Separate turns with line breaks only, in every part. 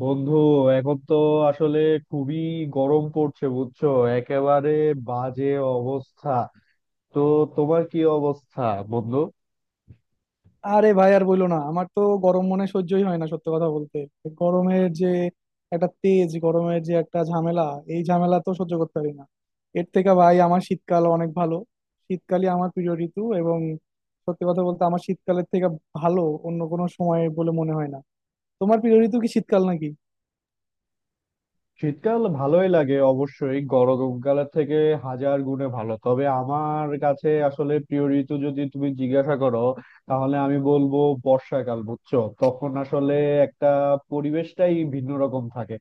বন্ধু এখন তো আসলে খুবই গরম পড়ছে, বুঝছো? একেবারে বাজে অবস্থা। তো তোমার কি অবস্থা বন্ধু?
আরে ভাই আর বইলো না, আমার তো গরম মনে সহ্যই হয় না সত্যি কথা বলতে। গরমের যে একটা তেজ, গরমের যে একটা ঝামেলা, এই ঝামেলা তো সহ্য করতে পারি না। এর থেকে ভাই আমার শীতকাল অনেক ভালো। শীতকালই আমার প্রিয় ঋতু, এবং সত্যি কথা বলতে আমার শীতকালের থেকে ভালো অন্য কোনো সময় বলে মনে হয় না। তোমার প্রিয় ঋতু কি শীতকাল নাকি?
শীতকাল ভালোই লাগে, অবশ্যই গরমকালের থেকে হাজার গুণে ভালো। তবে আমার কাছে আসলে প্রিয় ঋতু যদি তুমি জিজ্ঞাসা করো, তাহলে আমি বলবো বর্ষাকাল। বুঝছো, তখন আসলে একটা পরিবেশটাই ভিন্ন রকম থাকে।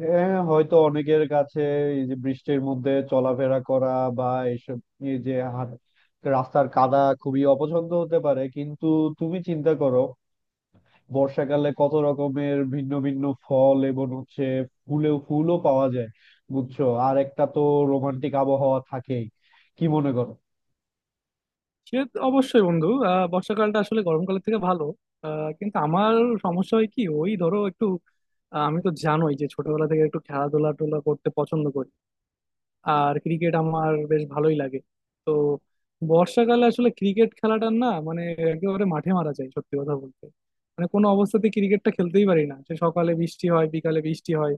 হ্যাঁ, হয়তো অনেকের কাছে এই যে বৃষ্টির মধ্যে চলাফেরা করা বা এইসব, এই যে রাস্তার কাদা খুবই অপছন্দ হতে পারে, কিন্তু তুমি চিন্তা করো, বর্ষাকালে কত রকমের ভিন্ন ভিন্ন ফল এবং হচ্ছে ফুলও পাওয়া যায়। বুঝছো, আর একটা তো রোমান্টিক আবহাওয়া থাকেই। কি মনে করো?
সে তো অবশ্যই বন্ধু। বর্ষাকালটা আসলে গরমকালের থেকে ভালো। কিন্তু আমার সমস্যা হয় কি, ওই ধরো একটু, আমি তো জানোই যে ছোটবেলা থেকে একটু খেলাধুলা টোলা করতে পছন্দ করি। আর ক্রিকেট আমার বেশ ভালোই লাগে। তো বর্ষাকালে আসলে ক্রিকেট খেলাটা না, মানে একেবারে মাঠে মারা যায় সত্যি কথা বলতে। মানে কোনো অবস্থাতে ক্রিকেটটা খেলতেই পারি না, সে সকালে বৃষ্টি হয় বিকালে বৃষ্টি হয়,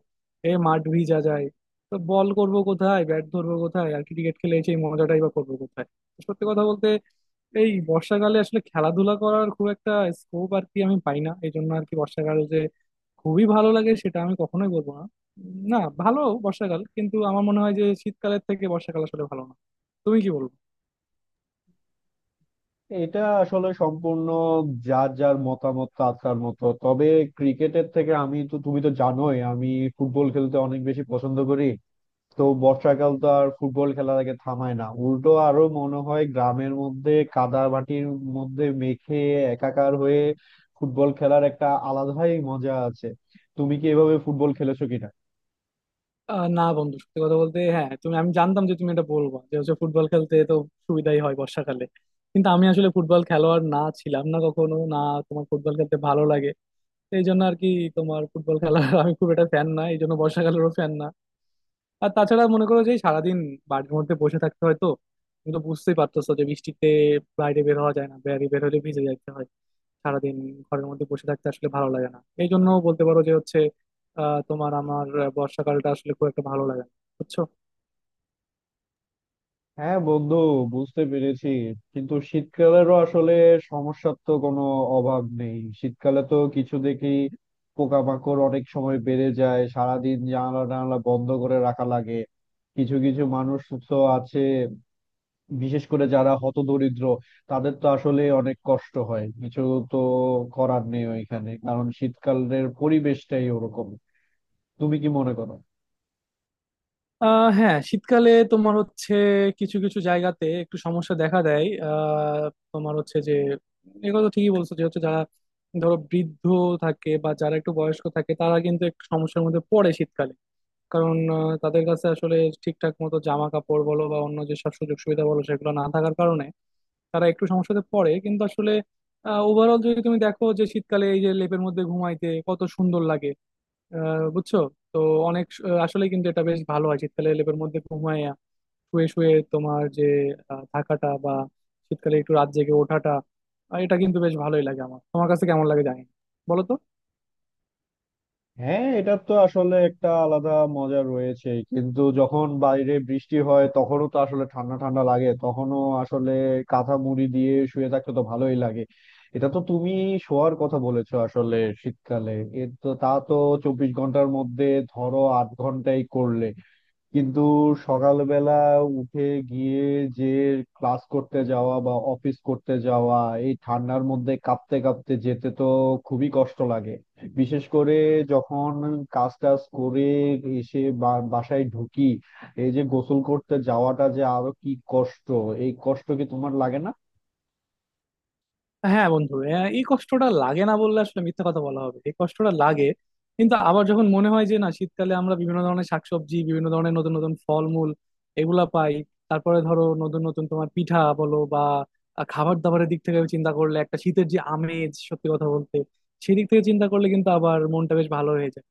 এ মাঠ ভিজা যায়। তো বল করব কোথায়, ব্যাট ধরবো কোথায়, আর ক্রিকেট খেলে সেই মজাটাই বা করবো কোথায়? তো সত্যি কথা বলতে এই বর্ষাকালে আসলে খেলাধুলা করার খুব একটা স্কোপ আর কি আমি পাই না, এই জন্য আর কি বর্ষাকাল যে খুবই ভালো লাগে সেটা আমি কখনোই বলবো না। না, ভালো বর্ষাকাল, কিন্তু আমার মনে হয় যে শীতকালের থেকে বর্ষাকাল আসলে ভালো না। তুমি কি বলবো?
এটা আসলে সম্পূর্ণ যার যার মতামত তার তার মতো। তবে ক্রিকেটের থেকে আমি তো, তুমি তো জানোই, আমি ফুটবল খেলতে অনেক বেশি পছন্দ করি। তো বর্ষাকাল তো আর ফুটবল খেলা থেকে থামায় না, উল্টো আরো মনে হয় গ্রামের মধ্যে কাদা মাটির মধ্যে মেখে একাকার হয়ে ফুটবল খেলার একটা আলাদাই মজা আছে। তুমি কি এভাবে ফুটবল খেলেছো কিনা?
না বন্ধু, সত্যি কথা বলতে হ্যাঁ, তুমি আমি জানতাম যে তুমি এটা বলবো যে হচ্ছে ফুটবল খেলতে তো সুবিধাই হয় বর্ষাকালে। কিন্তু আমি আসলে ফুটবল খেলোয়াড় না, ছিলাম না কখনো না। তোমার ফুটবল খেলতে ভালো লাগে, তো এই জন্য আর কি তোমার ফুটবল খেলার আমি খুব একটা ফ্যান না, এই জন্য বর্ষাকালেরও ফ্যান না। আর তাছাড়া মনে করো যে সারাদিন বাড়ির মধ্যে বসে থাকতে হয় তো। তুমি তো বুঝতেই পারতেছো যে বৃষ্টিতে বাইরে বের হওয়া যায় না, বাইরে বের হলে ভিজে যাইতে হয়। সারাদিন ঘরের মধ্যে বসে থাকতে আসলে ভালো লাগে না, এই জন্য বলতে পারো যে হচ্ছে তোমার আমার, বর্ষাকালটা আসলে খুব একটা ভালো লাগে না। বুঝছো?
হ্যাঁ বন্ধু, বুঝতে পেরেছি। কিন্তু শীতকালেরও আসলে সমস্যার তো কোনো অভাব নেই। শীতকালে তো কিছু দেখি পোকামাকড় অনেক সময় বেড়ে যায়, সারাদিন জানালা টানালা বন্ধ করে রাখা লাগে। কিছু কিছু মানুষ তো আছে বিশেষ করে যারা হতদরিদ্র, তাদের তো আসলে অনেক কষ্ট হয়। কিছু তো করার নেই ওইখানে, কারণ শীতকালের পরিবেশটাই ওরকম। তুমি কি মনে করো?
হ্যাঁ, শীতকালে তোমার হচ্ছে কিছু কিছু জায়গাতে একটু সমস্যা দেখা দেয়। তোমার হচ্ছে যে এগুলো তো ঠিকই বলছো যে হচ্ছে, যারা ধরো বৃদ্ধ থাকে বা যারা একটু বয়স্ক থাকে তারা কিন্তু একটু সমস্যার মধ্যে পড়ে শীতকালে, কারণ তাদের কাছে আসলে ঠিকঠাক মতো জামা কাপড় বলো বা অন্য যেসব সুযোগ সুবিধা বলো সেগুলো না থাকার কারণে তারা একটু সমস্যাতে পড়ে। কিন্তু আসলে ওভারঅল যদি তুমি দেখো যে শীতকালে এই যে লেপের মধ্যে ঘুমাইতে কত সুন্দর লাগে। বুঝছো? তো অনেক আসলে কিন্তু এটা বেশ ভালো হয় শীতকালে লেপের মধ্যে ঘুমাইয়া শুয়ে শুয়ে তোমার যে থাকাটা বা শীতকালে একটু রাত জেগে ওঠাটা, এটা কিন্তু বেশ ভালোই লাগে আমার। তোমার কাছে কেমন লাগে জানি না। বলো তো।
হ্যাঁ, এটার তো আসলে একটা আলাদা মজা রয়েছে, কিন্তু যখন বাইরে বৃষ্টি হয় তখনও তো আসলে ঠান্ডা ঠান্ডা লাগে, তখনও আসলে কাঁথা মুড়ি দিয়ে শুয়ে থাকতে তো ভালোই লাগে। এটা তো তুমি শোয়ার কথা বলেছো আসলে, শীতকালে এর তো তা তো 24 ঘন্টার মধ্যে ধরো 8 ঘন্টাই করলে, কিন্তু সকালবেলা উঠে গিয়ে যে ক্লাস করতে যাওয়া বা অফিস করতে যাওয়া, এই ঠান্ডার মধ্যে কাঁপতে কাঁপতে যেতে তো খুবই কষ্ট লাগে। বিশেষ করে যখন কাজ টাজ করে এসে বাসায় ঢুকি, এই যে গোসল করতে যাওয়াটা, যে আরো কি কষ্ট! এই কষ্ট কি তোমার লাগে না?
হ্যাঁ বন্ধু, হ্যাঁ, এই কষ্টটা লাগে না বললে আসলে মিথ্যা কথা বলা হবে, এই কষ্টটা লাগে। কিন্তু আবার যখন মনে হয় যে না, শীতকালে আমরা বিভিন্ন ধরনের শাকসবজি, বিভিন্ন ধরনের নতুন নতুন ফলমূল এগুলা পাই, তারপরে ধরো নতুন নতুন তোমার পিঠা বলো বা খাবার দাবারের দিক থেকে চিন্তা করলে একটা শীতের যে আমেজ সত্যি কথা বলতে, সেই দিক থেকে চিন্তা করলে কিন্তু আবার মনটা বেশ ভালো হয়ে যায়।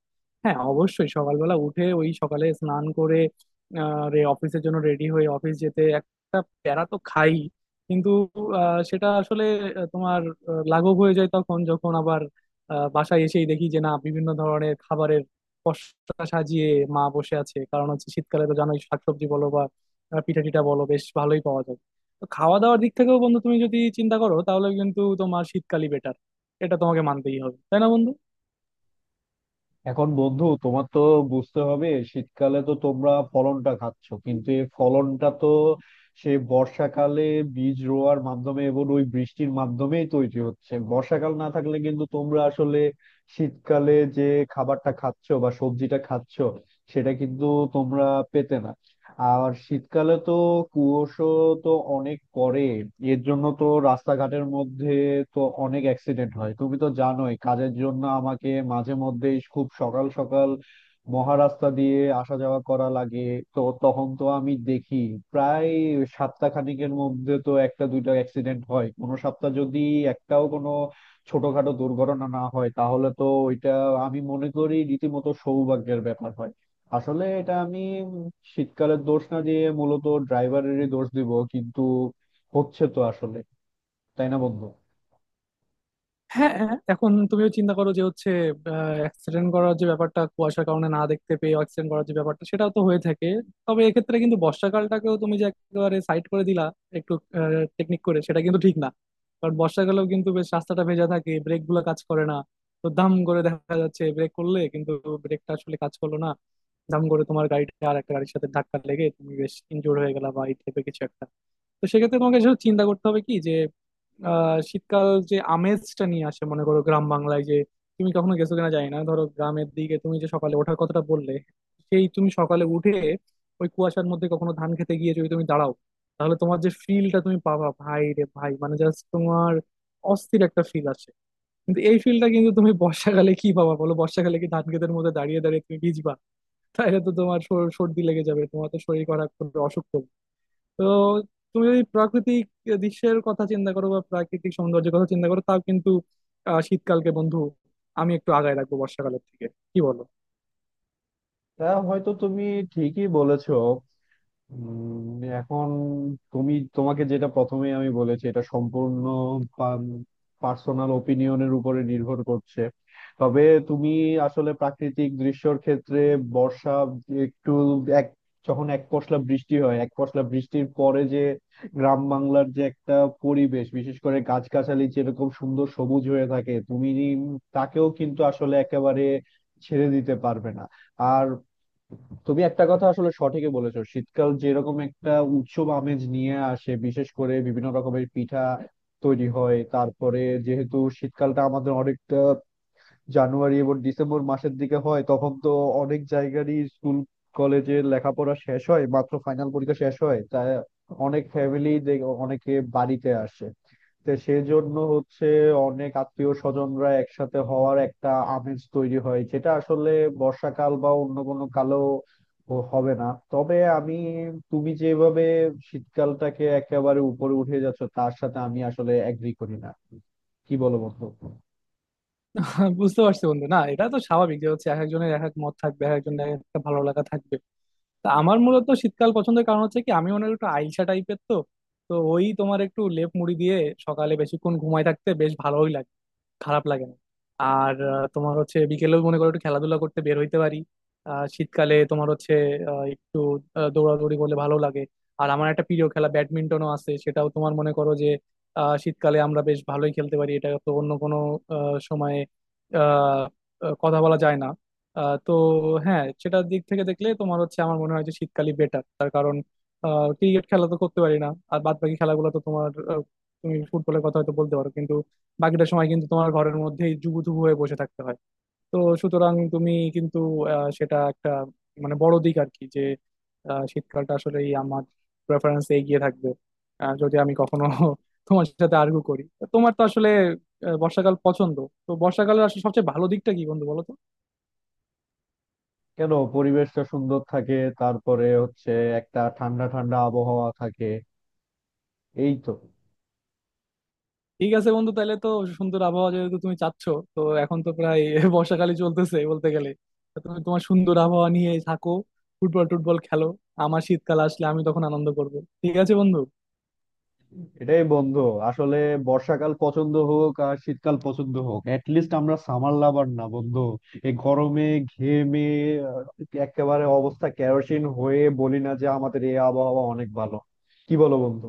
হ্যাঁ অবশ্যই সকালবেলা উঠে ওই সকালে স্নান করে রে অফিসের জন্য রেডি হয়ে অফিস যেতে একটা প্যারা তো খাই, কিন্তু সেটা আসলে তোমার লাঘব হয়ে যায় তখন, যখন আবার বাসায় এসেই দেখি যে না, বিভিন্ন ধরনের খাবারের পসরা সাজিয়ে মা বসে আছে। কারণ হচ্ছে শীতকালে তো জানোই শাকসবজি বলো বা পিঠা টিটা বলো বেশ ভালোই পাওয়া যায়। তো খাওয়া দাওয়ার দিক থেকেও বন্ধু তুমি যদি চিন্তা করো তাহলে কিন্তু তোমার শীতকালই বেটার। এটা তোমাকে মানতেই হবে, তাই না বন্ধু?
এখন বন্ধু তোমার তো বুঝতে হবে, শীতকালে তো তোমরা ফলনটা খাচ্ছ, কিন্তু এই ফলনটা তো সেই বর্ষাকালে বীজ রোয়ার মাধ্যমে এবং ওই বৃষ্টির মাধ্যমেই তৈরি হচ্ছে। বর্ষাকাল না থাকলে কিন্তু তোমরা আসলে শীতকালে যে খাবারটা খাচ্ছো বা সবজিটা খাচ্ছো, সেটা কিন্তু তোমরা পেতে না। আর শীতকালে তো কুয়াশা তো অনেক পড়ে, এর জন্য তো রাস্তাঘাটের মধ্যে তো অনেক অ্যাক্সিডেন্ট হয়। তুমি তো জানোই, কাজের জন্য আমাকে মাঝে মধ্যেই খুব সকাল সকাল মহারাস্তা দিয়ে আসা যাওয়া করা লাগে। তো তখন তো আমি দেখি প্রায় সাতটা খানেকের মধ্যে তো একটা দুইটা অ্যাক্সিডেন্ট হয়। কোনো সপ্তাহ যদি একটাও কোনো ছোটখাটো দুর্ঘটনা না হয়, তাহলে তো ওইটা আমি মনে করি রীতিমতো সৌভাগ্যের ব্যাপার হয়। আসলে এটা আমি শীতকালের দোষ না দিয়ে মূলত ড্রাইভারেরই দোষ দিব, কিন্তু হচ্ছে তো আসলে, তাই না বন্ধু?
হ্যাঁ হ্যাঁ, এখন তুমিও চিন্তা করো যে হচ্ছে অ্যাক্সিডেন্ট করার যে ব্যাপারটা কুয়াশার কারণে না দেখতে পেয়ে অ্যাক্সিডেন্ট করার যে ব্যাপারটা, সেটাও তো হয়ে থাকে। তবে এক্ষেত্রে কিন্তু বর্ষাকালটাকেও তুমি যে একেবারে সাইড করে দিলা একটু টেকনিক করে, সেটা কিন্তু ঠিক না। কারণ বর্ষাকালেও কিন্তু বেশ রাস্তাটা ভেজা থাকে, ব্রেক গুলো কাজ করে না। তো দাম করে দেখা যাচ্ছে ব্রেক করলে কিন্তু ব্রেকটা আসলে কাজ করলো না, দাম করে তোমার গাড়িটা আর একটা গাড়ির সাথে ধাক্কা লেগে তুমি বেশ ইনজোর হয়ে গেলা বা এই টাইপের কিছু একটা। তো সেক্ষেত্রে তোমাকে এসব চিন্তা করতে হবে কি, যে আহ শীতকাল যে আমেজটা নিয়ে আসে, মনে করো গ্রাম বাংলায় যে, তুমি কখনো গেছো কিনা জানি না, ধরো গ্রামের দিকে তুমি যে সকালে ওঠার কথাটা বললে, সেই তুমি সকালে উঠে ওই কুয়াশার মধ্যে কখনো ধান খেতে গিয়ে যদি তুমি দাঁড়াও, তাহলে তোমার যে ফিলটা তুমি পাবা, ভাই রে ভাই, মানে জাস্ট তোমার অস্থির একটা ফিল আসে। কিন্তু এই ফিলটা কিন্তু তুমি বর্ষাকালে কি পাবা বলো? বর্ষাকালে কি ধান ক্ষেতের মধ্যে দাঁড়িয়ে দাঁড়িয়ে তুমি ভিজবা? তাহলে তো তোমার সর্দি লেগে যাবে, তোমার তো শরীর খারাপ করবে, অসুখ করবে। তো তুমি যদি প্রাকৃতিক দৃশ্যের কথা চিন্তা করো বা প্রাকৃতিক সৌন্দর্যের কথা চিন্তা করো, তাও কিন্তু শীতকালকে বন্ধু আমি একটু আগায় রাখবো বর্ষাকালের থেকে। কি বলো?
তা হয়তো তুমি ঠিকই বলেছো। উম, এখন তোমাকে যেটা প্রথমে আমি বলেছি, এটা সম্পূর্ণ পার্সোনাল ওপিনিয়নের উপরে নির্ভর করছে। তবে তুমি আসলে প্রাকৃতিক দৃশ্যর ক্ষেত্রে বর্ষা একটু এক যখন এক পশলা বৃষ্টি হয়, এক পশলা বৃষ্টির পরে যে গ্রাম বাংলার যে একটা পরিবেশ, বিশেষ করে গাছগাছালি যেরকম সুন্দর সবুজ হয়ে থাকে, তুমি তাকেও কিন্তু আসলে একেবারে ছেড়ে দিতে পারবে না। আর তুমি একটা কথা আসলে সঠিকই বলেছো, শীতকাল যেরকম একটা উৎসব আমেজ নিয়ে আসে, বিশেষ করে বিভিন্ন রকমের পিঠা তৈরি হয়। তারপরে যেহেতু শীতকালটা আমাদের অনেকটা জানুয়ারি এবং ডিসেম্বর মাসের দিকে হয়, তখন তো অনেক জায়গারই স্কুল কলেজে লেখাপড়া শেষ হয়, মাত্র ফাইনাল পরীক্ষা শেষ হয়, তাই অনেক ফ্যামিলি, অনেকে বাড়িতে আসে। তো সেজন্য হচ্ছে অনেক আত্মীয় স্বজনরা একসাথে হওয়ার একটা আমেজ তৈরি হয়, যেটা আসলে বর্ষাকাল বা অন্য কোনো কালেও হবে না। তবে আমি, তুমি যেভাবে শীতকালটাকে একেবারে উপরে উঠে যাচ্ছ, তার সাথে আমি আসলে এগ্রি করি না। কি বলো বন্ধু?
হ্যাঁ, বুঝতে পারছি বন্ধু। না, এটা তো স্বাভাবিক যে হচ্ছে এক একজনের এক এক মত থাকবে, এক একজনের এক একটা ভালো লাগা থাকবে। তা আমার মূলত শীতকাল পছন্দের কারণ হচ্ছে কি, আমি অনেক একটু আইসা টাইপের তো। তো ওই তোমার একটু লেপ মুড়ি দিয়ে সকালে বেশিক্ষণ ঘুমায় থাকতে বেশ ভালোই লাগে, খারাপ লাগে না। আর তোমার হচ্ছে বিকেলেও মনে করো একটু খেলাধুলা করতে বের হইতে পারি। শীতকালে তোমার হচ্ছে একটু দৌড়াদৌড়ি করলে ভালো লাগে। আর আমার একটা প্রিয় খেলা ব্যাডমিন্টনও আছে, সেটাও তোমার মনে করো যে শীতকালে আমরা বেশ ভালোই খেলতে পারি। এটা তো অন্য কোনো সময়ে আহ, কথা বলা যায় না। তো হ্যাঁ, সেটার দিক থেকে দেখলে তোমার হচ্ছে আমার মনে হয় যে শীতকালই বেটার। তার কারণ ক্রিকেট খেলা তো করতে পারি না, আর বাদ বাকি খেলাগুলো তো তোমার তুমি ফুটবলের কথা হয়তো বলতে পারো, বাকিটা সময় কিন্তু তোমার ঘরের মধ্যেই জুবুথুবু হয়ে বসে থাকতে হয়। তো সুতরাং তুমি কিন্তু সেটা একটা মানে বড় দিক আর কি, যে শীতকালটা আসলেই আমার প্রেফারেন্স এগিয়ে থাকবে। যদি আমি কখনো তোমার সাথে আর্গু করি, তো তোমার তো আসলে বর্ষাকাল পছন্দ, তো বর্ষাকালের আসলে সবচেয়ে ভালো দিকটা কি বন্ধু বলো তো?
কেন, পরিবেশটা সুন্দর থাকে, তারপরে হচ্ছে একটা ঠান্ডা ঠান্ডা আবহাওয়া থাকে, এই তো।
ঠিক আছে বন্ধু, তাহলে তো সুন্দর আবহাওয়া যেহেতু তুমি চাচ্ছ, তো এখন তো প্রায় বর্ষাকালই চলতেছে বলতে গেলে, তা তুমি তোমার সুন্দর আবহাওয়া নিয়ে থাকো, ফুটবল টুটবল খেলো, আমার শীতকাল আসলে আমি তখন আনন্দ করব। ঠিক আছে বন্ধু।
এটাই বন্ধু, আসলে বর্ষাকাল পছন্দ হোক আর শীতকাল পছন্দ হোক, লিস্ট আমরা সামার লাভার না বন্ধু। এই গরমে ঘেমে আহ, একেবারে অবস্থা কেরোসিন হয়ে বলি না যে আমাদের এই আবহাওয়া অনেক ভালো। কি বলো বন্ধু?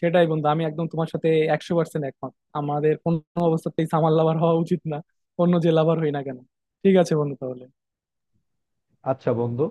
সেটাই বন্ধু, আমি একদম তোমার সাথে 100% একমত। আমাদের কোনো অবস্থাতেই সামার লাভার হওয়া উচিত না, অন্য যে লাভার হই না কেন। ঠিক আছে বন্ধু, তাহলে।
আচ্ছা বন্ধু।